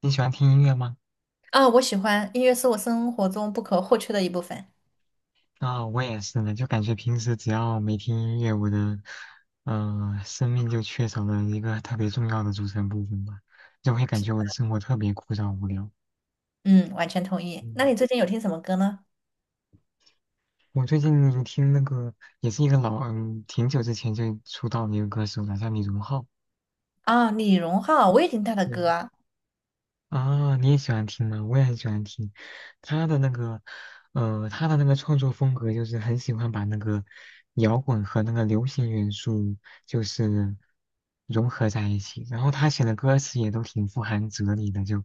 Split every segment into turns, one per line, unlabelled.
你喜欢听音乐吗？
啊，我喜欢音乐是我生活中不可或缺的一部分。
啊、我也是呢，就感觉平时只要没听音乐，我的生命就缺少了一个特别重要的组成部分吧，就会感觉我的生活特别枯燥无聊。
嗯，完全同意。那
嗯，
你最近有听什么歌呢？
我最近听那个也是一个老挺久之前就出道的一个歌手了，叫李荣浩。
啊，李荣浩，我也听他的
对
歌啊。
啊，你也喜欢听吗？我也很喜欢听他的那个，他的那个创作风格就是很喜欢把那个摇滚和那个流行元素就是融合在一起，然后他写的歌词也都挺富含哲理的，就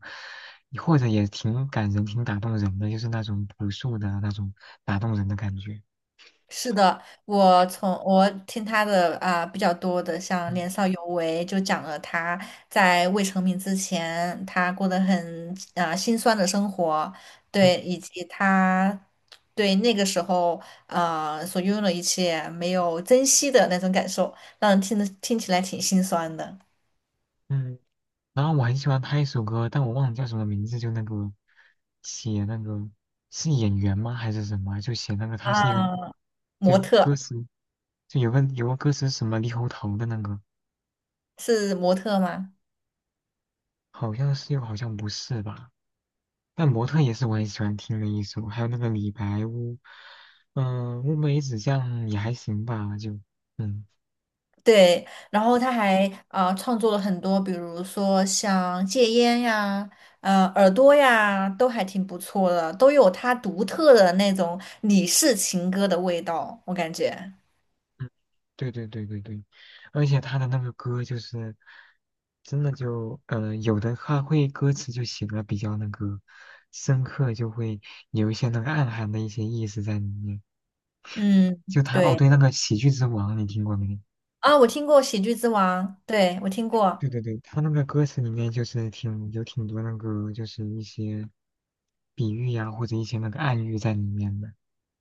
或者也挺感人、挺打动人的，就是那种朴素的那种打动人的感觉。
是的，我从我听他的比较多的，像
嗯
《年少有为》，就讲了他在未成名之前，他过得很辛酸的生活，
嗯
对，以及他对那个时候所拥有的一切没有珍惜的那种感受，让人听得听起来挺心酸的。
嗯，然后我很喜欢他一首歌，但我忘了叫什么名字，就那个写那个是演员吗还是什么？就写那个他
啊，
是一个
模
就
特。
歌词，就有个歌词是什么猕猴桃的那个，
是模特吗？
好像是又好像不是吧？但模特也是我很喜欢听的一首，还有那个李白乌，嗯、乌梅子酱也还行吧，就嗯。
对，然后他还创作了很多，比如说像戒烟呀、耳朵呀，都还挺不错的，都有他独特的那种李氏情歌的味道，我感觉。
对对对对对，而且他的那个歌就是，真的就，有的他会歌词就写的比较那个深刻，就会有一些那个暗含的一些意思在里面。
嗯，
就他，哦，
对。
对，那个《喜剧之王》你听过没？
啊，我听过《喜剧之王》，对，我听过。
对对对，他那个歌词里面就是挺有挺多那个就是一些比喻呀、或者一些那个暗喻在里面的。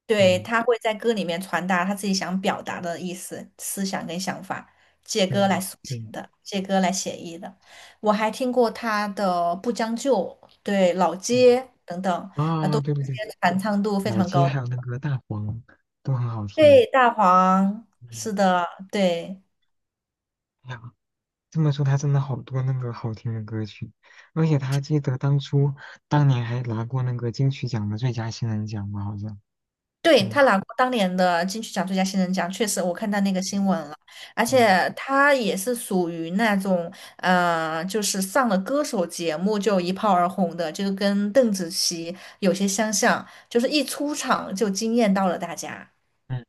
对，
嗯
他会在歌里面传达他自己想表达的意思、思想跟想法，借歌来
嗯，
抒
对，
情的，借歌来写意的。我还听过他的《不将就》、对《老
嗯
街》等等，
啊，对对
这些
对，
传唱度非
老
常
街
高的。
还有那个大黄都很好
对，
听。
大黄，
嗯。
是的，对。
哎呀这么说，他真的好多那个好听的歌曲，而且他记得当初当年还拿过那个金曲奖的最佳新人奖吧，好像。
对，
嗯
他拿过当年的金曲奖最佳新人奖，确实我看到那个
嗯
新闻了，而
嗯
且他也是属于那种，就是上了歌手节目就一炮而红的，就跟邓紫棋有些相像，就是一出场就惊艳到了大家。
嗯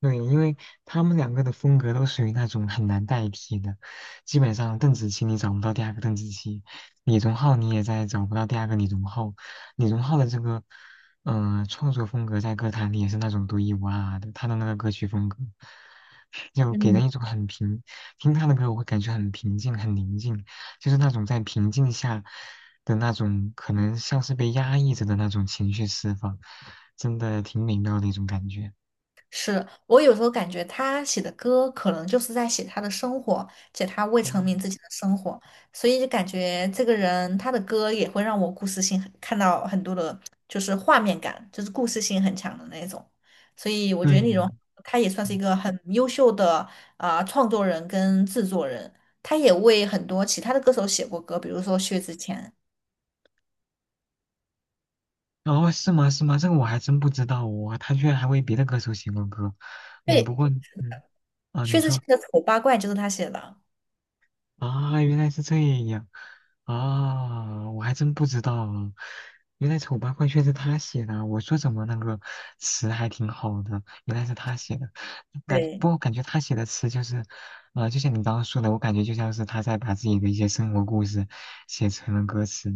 对，因为他们两个的风格都属于那种很难代替的，基本上邓紫棋你找不到第二个邓紫棋，李荣浩你也在找不到第二个李荣浩。李荣浩的这个，嗯、创作风格在歌坛里也是那种独一无二的，他的那个歌曲风格，就给
嗯。
人一种很平，听他的歌我会感觉很平静、很宁静，就是那种在平静下的那种，可能像是被压抑着的那种情绪释放，真的挺美妙的一种感觉。
是，我有时候感觉他写的歌可能就是在写他的生活，写他未成名自己的生活，所以就感觉这个人他的歌也会让我故事性很看到很多的，就是画面感，就是故事性很强的那种。所以我觉
对，
得那种他也算是一
嗯，
个很优秀的创作人跟制作人，他也为很多其他的歌手写过歌，比如说薛之谦，
哦，是吗？是吗？这个我还真不知道哦，他居然还为别的歌手写过歌，嗯，不
对，
过，嗯，啊，你
薛之谦
说
的《丑八怪》就是他写的。
啊，原来是这样，啊，我还真不知道啊原来《丑八怪》却是他写的啊，我说怎么那个词还挺好的，原来是他写的，感，
对。
不过感觉他写的词就是，啊，就像你刚刚说的，我感觉就像是他在把自己的一些生活故事写成了歌词，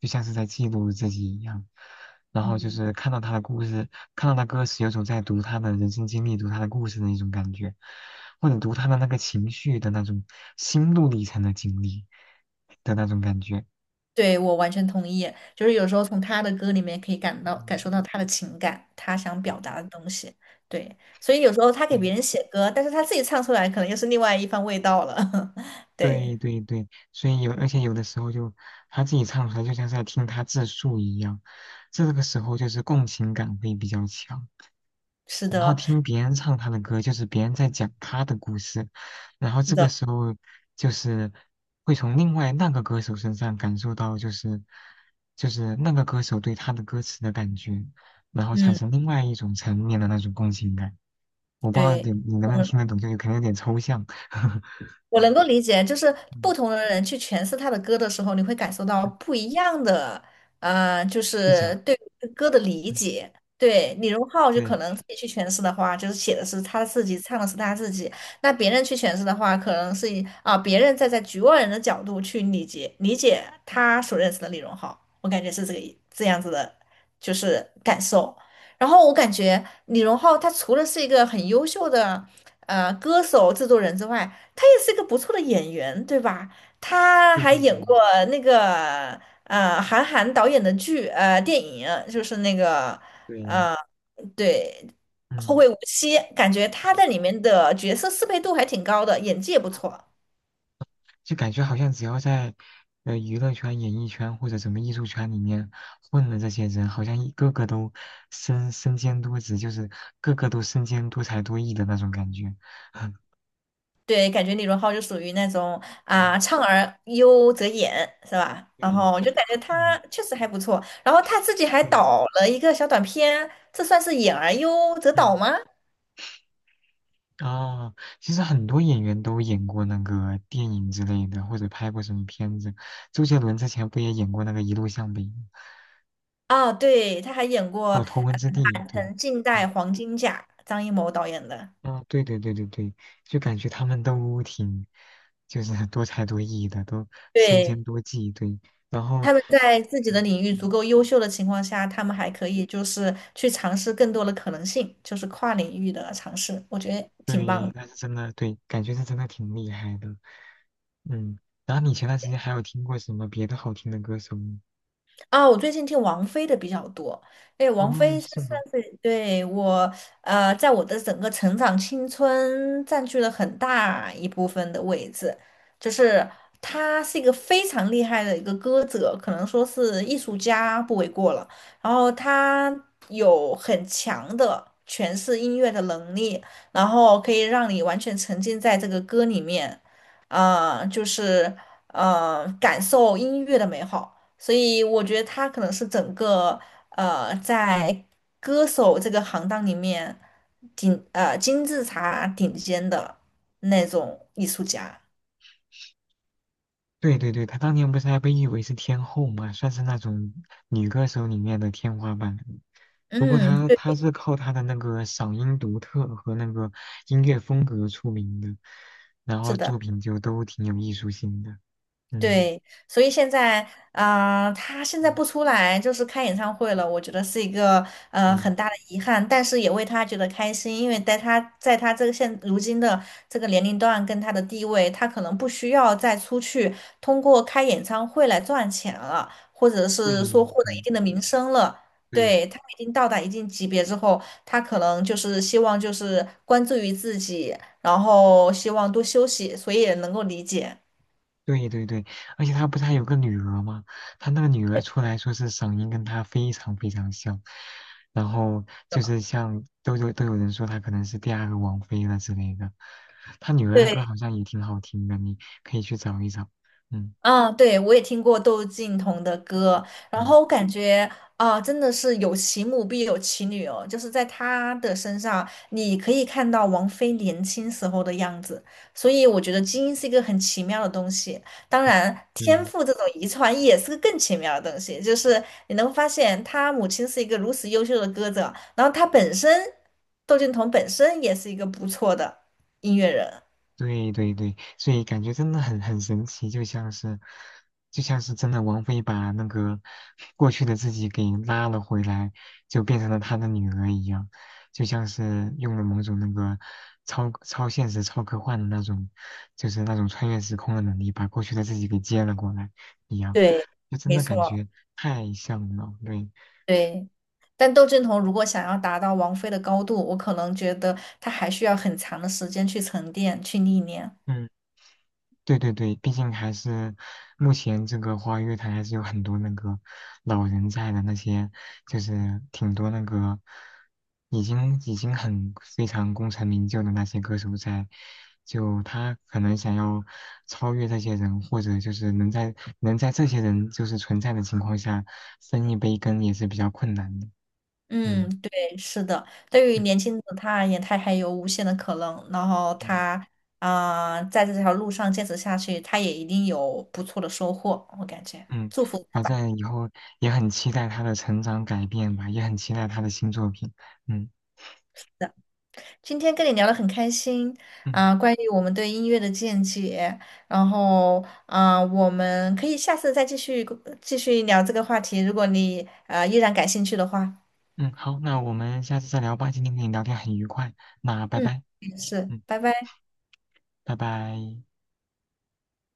就像是在记录自己一样。然后就是看到他的故事，看到他歌词，有种在读他的人生经历、读他的故事的一种感觉，或者读他的那个情绪的那种心路历程的经历的那种感觉。
对，我完全同意，就是有时候从他的歌里面可以感到感
嗯，
受到他的情感，他想表达的东西。对，所以有时候他给别人写歌，但是他自己唱出来，可能又是另外一番味道了。对，
对对对对，所以有，而且有的时候就他自己唱出来，就像是在听他自述一样，这个时候就是共情感会比较强。
是
然后
的，
听别人唱他的歌，就是别人在讲他的故事，然后
是
这个
的，
时候就是会从另外那个歌手身上感受到，就是就是那个歌手对他的歌词的感觉，然后产
嗯，
生另外一种层面的那种共情感。我不知道
对。
你能不能
嗯。
听得懂，就是可能有点抽象，
我能够理解，就是不
嗯，
同的人去诠释他的歌的时候，你会感受到不一样的，就
视
是
角，
对歌的理
嗯，
解。对，李荣浩就可
对，
能自己去诠释的话，就是写的是他自己，唱的是他自己；那别人去诠释的话，可能是以别人站在局外人的角度去理解他所认识的李荣浩。我感觉是这个意这样子的，就是感受。然后我感觉李荣浩他除了是一个很优秀的歌手、制作人之外，他也是一个不错的演员，对吧？他
对
还
对
演
对
过那个韩寒导演的剧电影，就是那个
对，
对《后
嗯。
会无期》，感觉他在里面的角色适配度还挺高的，演技也不错。
就感觉好像只要在娱乐圈、演艺圈或者什么艺术圈里面混的这些人，好像一个个都身兼多职，就是个个都身兼多才多艺的那种感觉。
对，感觉李荣浩就属于那种
嗯，
唱而优则演，是吧？然
对，
后我就感觉
嗯，
他确实还不错，然后他自己还
对，
导了一个小短片，这算是演而优则导
嗯，
吗？
啊，其实很多演员都演过那个电影之类的，或者拍过什么片子。周杰伦之前不也演过那个《一路向北》吗？
啊，对，他还演过。
还有《头文
呃
字 D》，对，
很近代
嗯。
黄金甲，张艺谋导演的。
啊，对对对对对，就感觉他们都挺，就是多才多艺的，都身兼
对，
多技，对，然后，
他们在自己的
嗯
领域足够优秀的情况下，他们还可以就是去尝试更多的可能性，就是跨领域的尝试，我觉得挺棒
对，
的。
那是真的，对，感觉是真的挺厉害的，嗯，然后你前段时间还有听过什么别的好听的歌手吗？
啊，我最近听王菲的比较多。哎，王
哦，
菲她
是吗？
算是对我，在我的整个成长青春占据了很大一部分的位置。就是她是一个非常厉害的一个歌者，可能说是艺术家不为过了。然后她有很强的诠释音乐的能力，然后可以让你完全沉浸在这个歌里面，啊、就是感受音乐的美好。所以我觉得他可能是整个在歌手这个行当里面金字塔顶尖的那种艺术家。
对对对，她当年不是还被誉为是天后嘛，算是那种女歌手里面的天花板。不过
嗯，
他
对，
他是靠他的那个嗓音独特和那个音乐风格出名的，然
是
后
的。
作品就都挺有艺术性的。嗯
对，所以现在，啊，他现在
嗯
不出来，就是开演唱会了，我觉得是一个很
嗯，
大的遗憾，但是也为他觉得开心，因为在他这个现如今的这个年龄段跟他的地位，他可能不需要再出去通过开演唱会来赚钱了，或者
对
是说获得一
对
定的名声了。
对
对，他已经到达一定级别之后，他可能就是希望就是关注于自己，然后希望多休息，所以也能够理解。
对对对，而且他不是还有个女儿吗？他那个女儿出来说是嗓音跟他非常非常像，然后就是像都有人说他可能是第二个王菲了之类的。他女儿的
对。
歌好像也挺好听的，你可以去找一找。嗯
嗯，对，我也听过窦靖童的歌，然
嗯，
后我感觉啊，真的是有其母必有其女哦，就是在他的身上，你可以看到王菲年轻时候的样子，所以我觉得基因是一个很奇妙的东西，当然天
对。
赋这种遗传也是个更奇妙的东西，就是你能发现他母亲是一个如此优秀的歌者，然后他本身，窦靖童本身也是一个不错的音乐人，
对对对，所以感觉真的很很神奇，就像是，就像是真的王菲把那个过去的自己给拉了回来，就变成了她的女儿一样，就像是用了某种那个超现实、超科幻的那种，就是那种穿越时空的能力，把过去的自己给接了过来一样，
对，
就真
没
的感
错。
觉太像了。对，
对，但窦靖童如果想要达到王菲的高度，我可能觉得他还需要很长的时间去沉淀、去历练。
嗯。对对对，毕竟还是目前这个花乐坛还是有很多那个老人在的，那些就是挺多那个已经很非常功成名就的那些歌手在，就他可能想要超越这些人，或者就是能在这些人就是存在的情况下分一杯羹也是比较困难的。
嗯，
嗯
对，是的。对于
嗯
年轻的他而言，他还有无限的可能。然后
嗯
他在这条路上坚持下去，他也一定有不错的收获。我感觉，
嗯，
祝福。
反正以后也很期待他的成长改变吧，也很期待他的新作品。嗯。
今天跟你聊得很开心
嗯
啊，关于我们对音乐的见解，然后啊，我们可以下次再继续聊这个话题，如果你依然感兴趣的话，
嗯，好，那我们下次再聊吧。今天跟你聊天很愉快，那拜
嗯，
拜。
是，
嗯，
拜拜。
拜拜。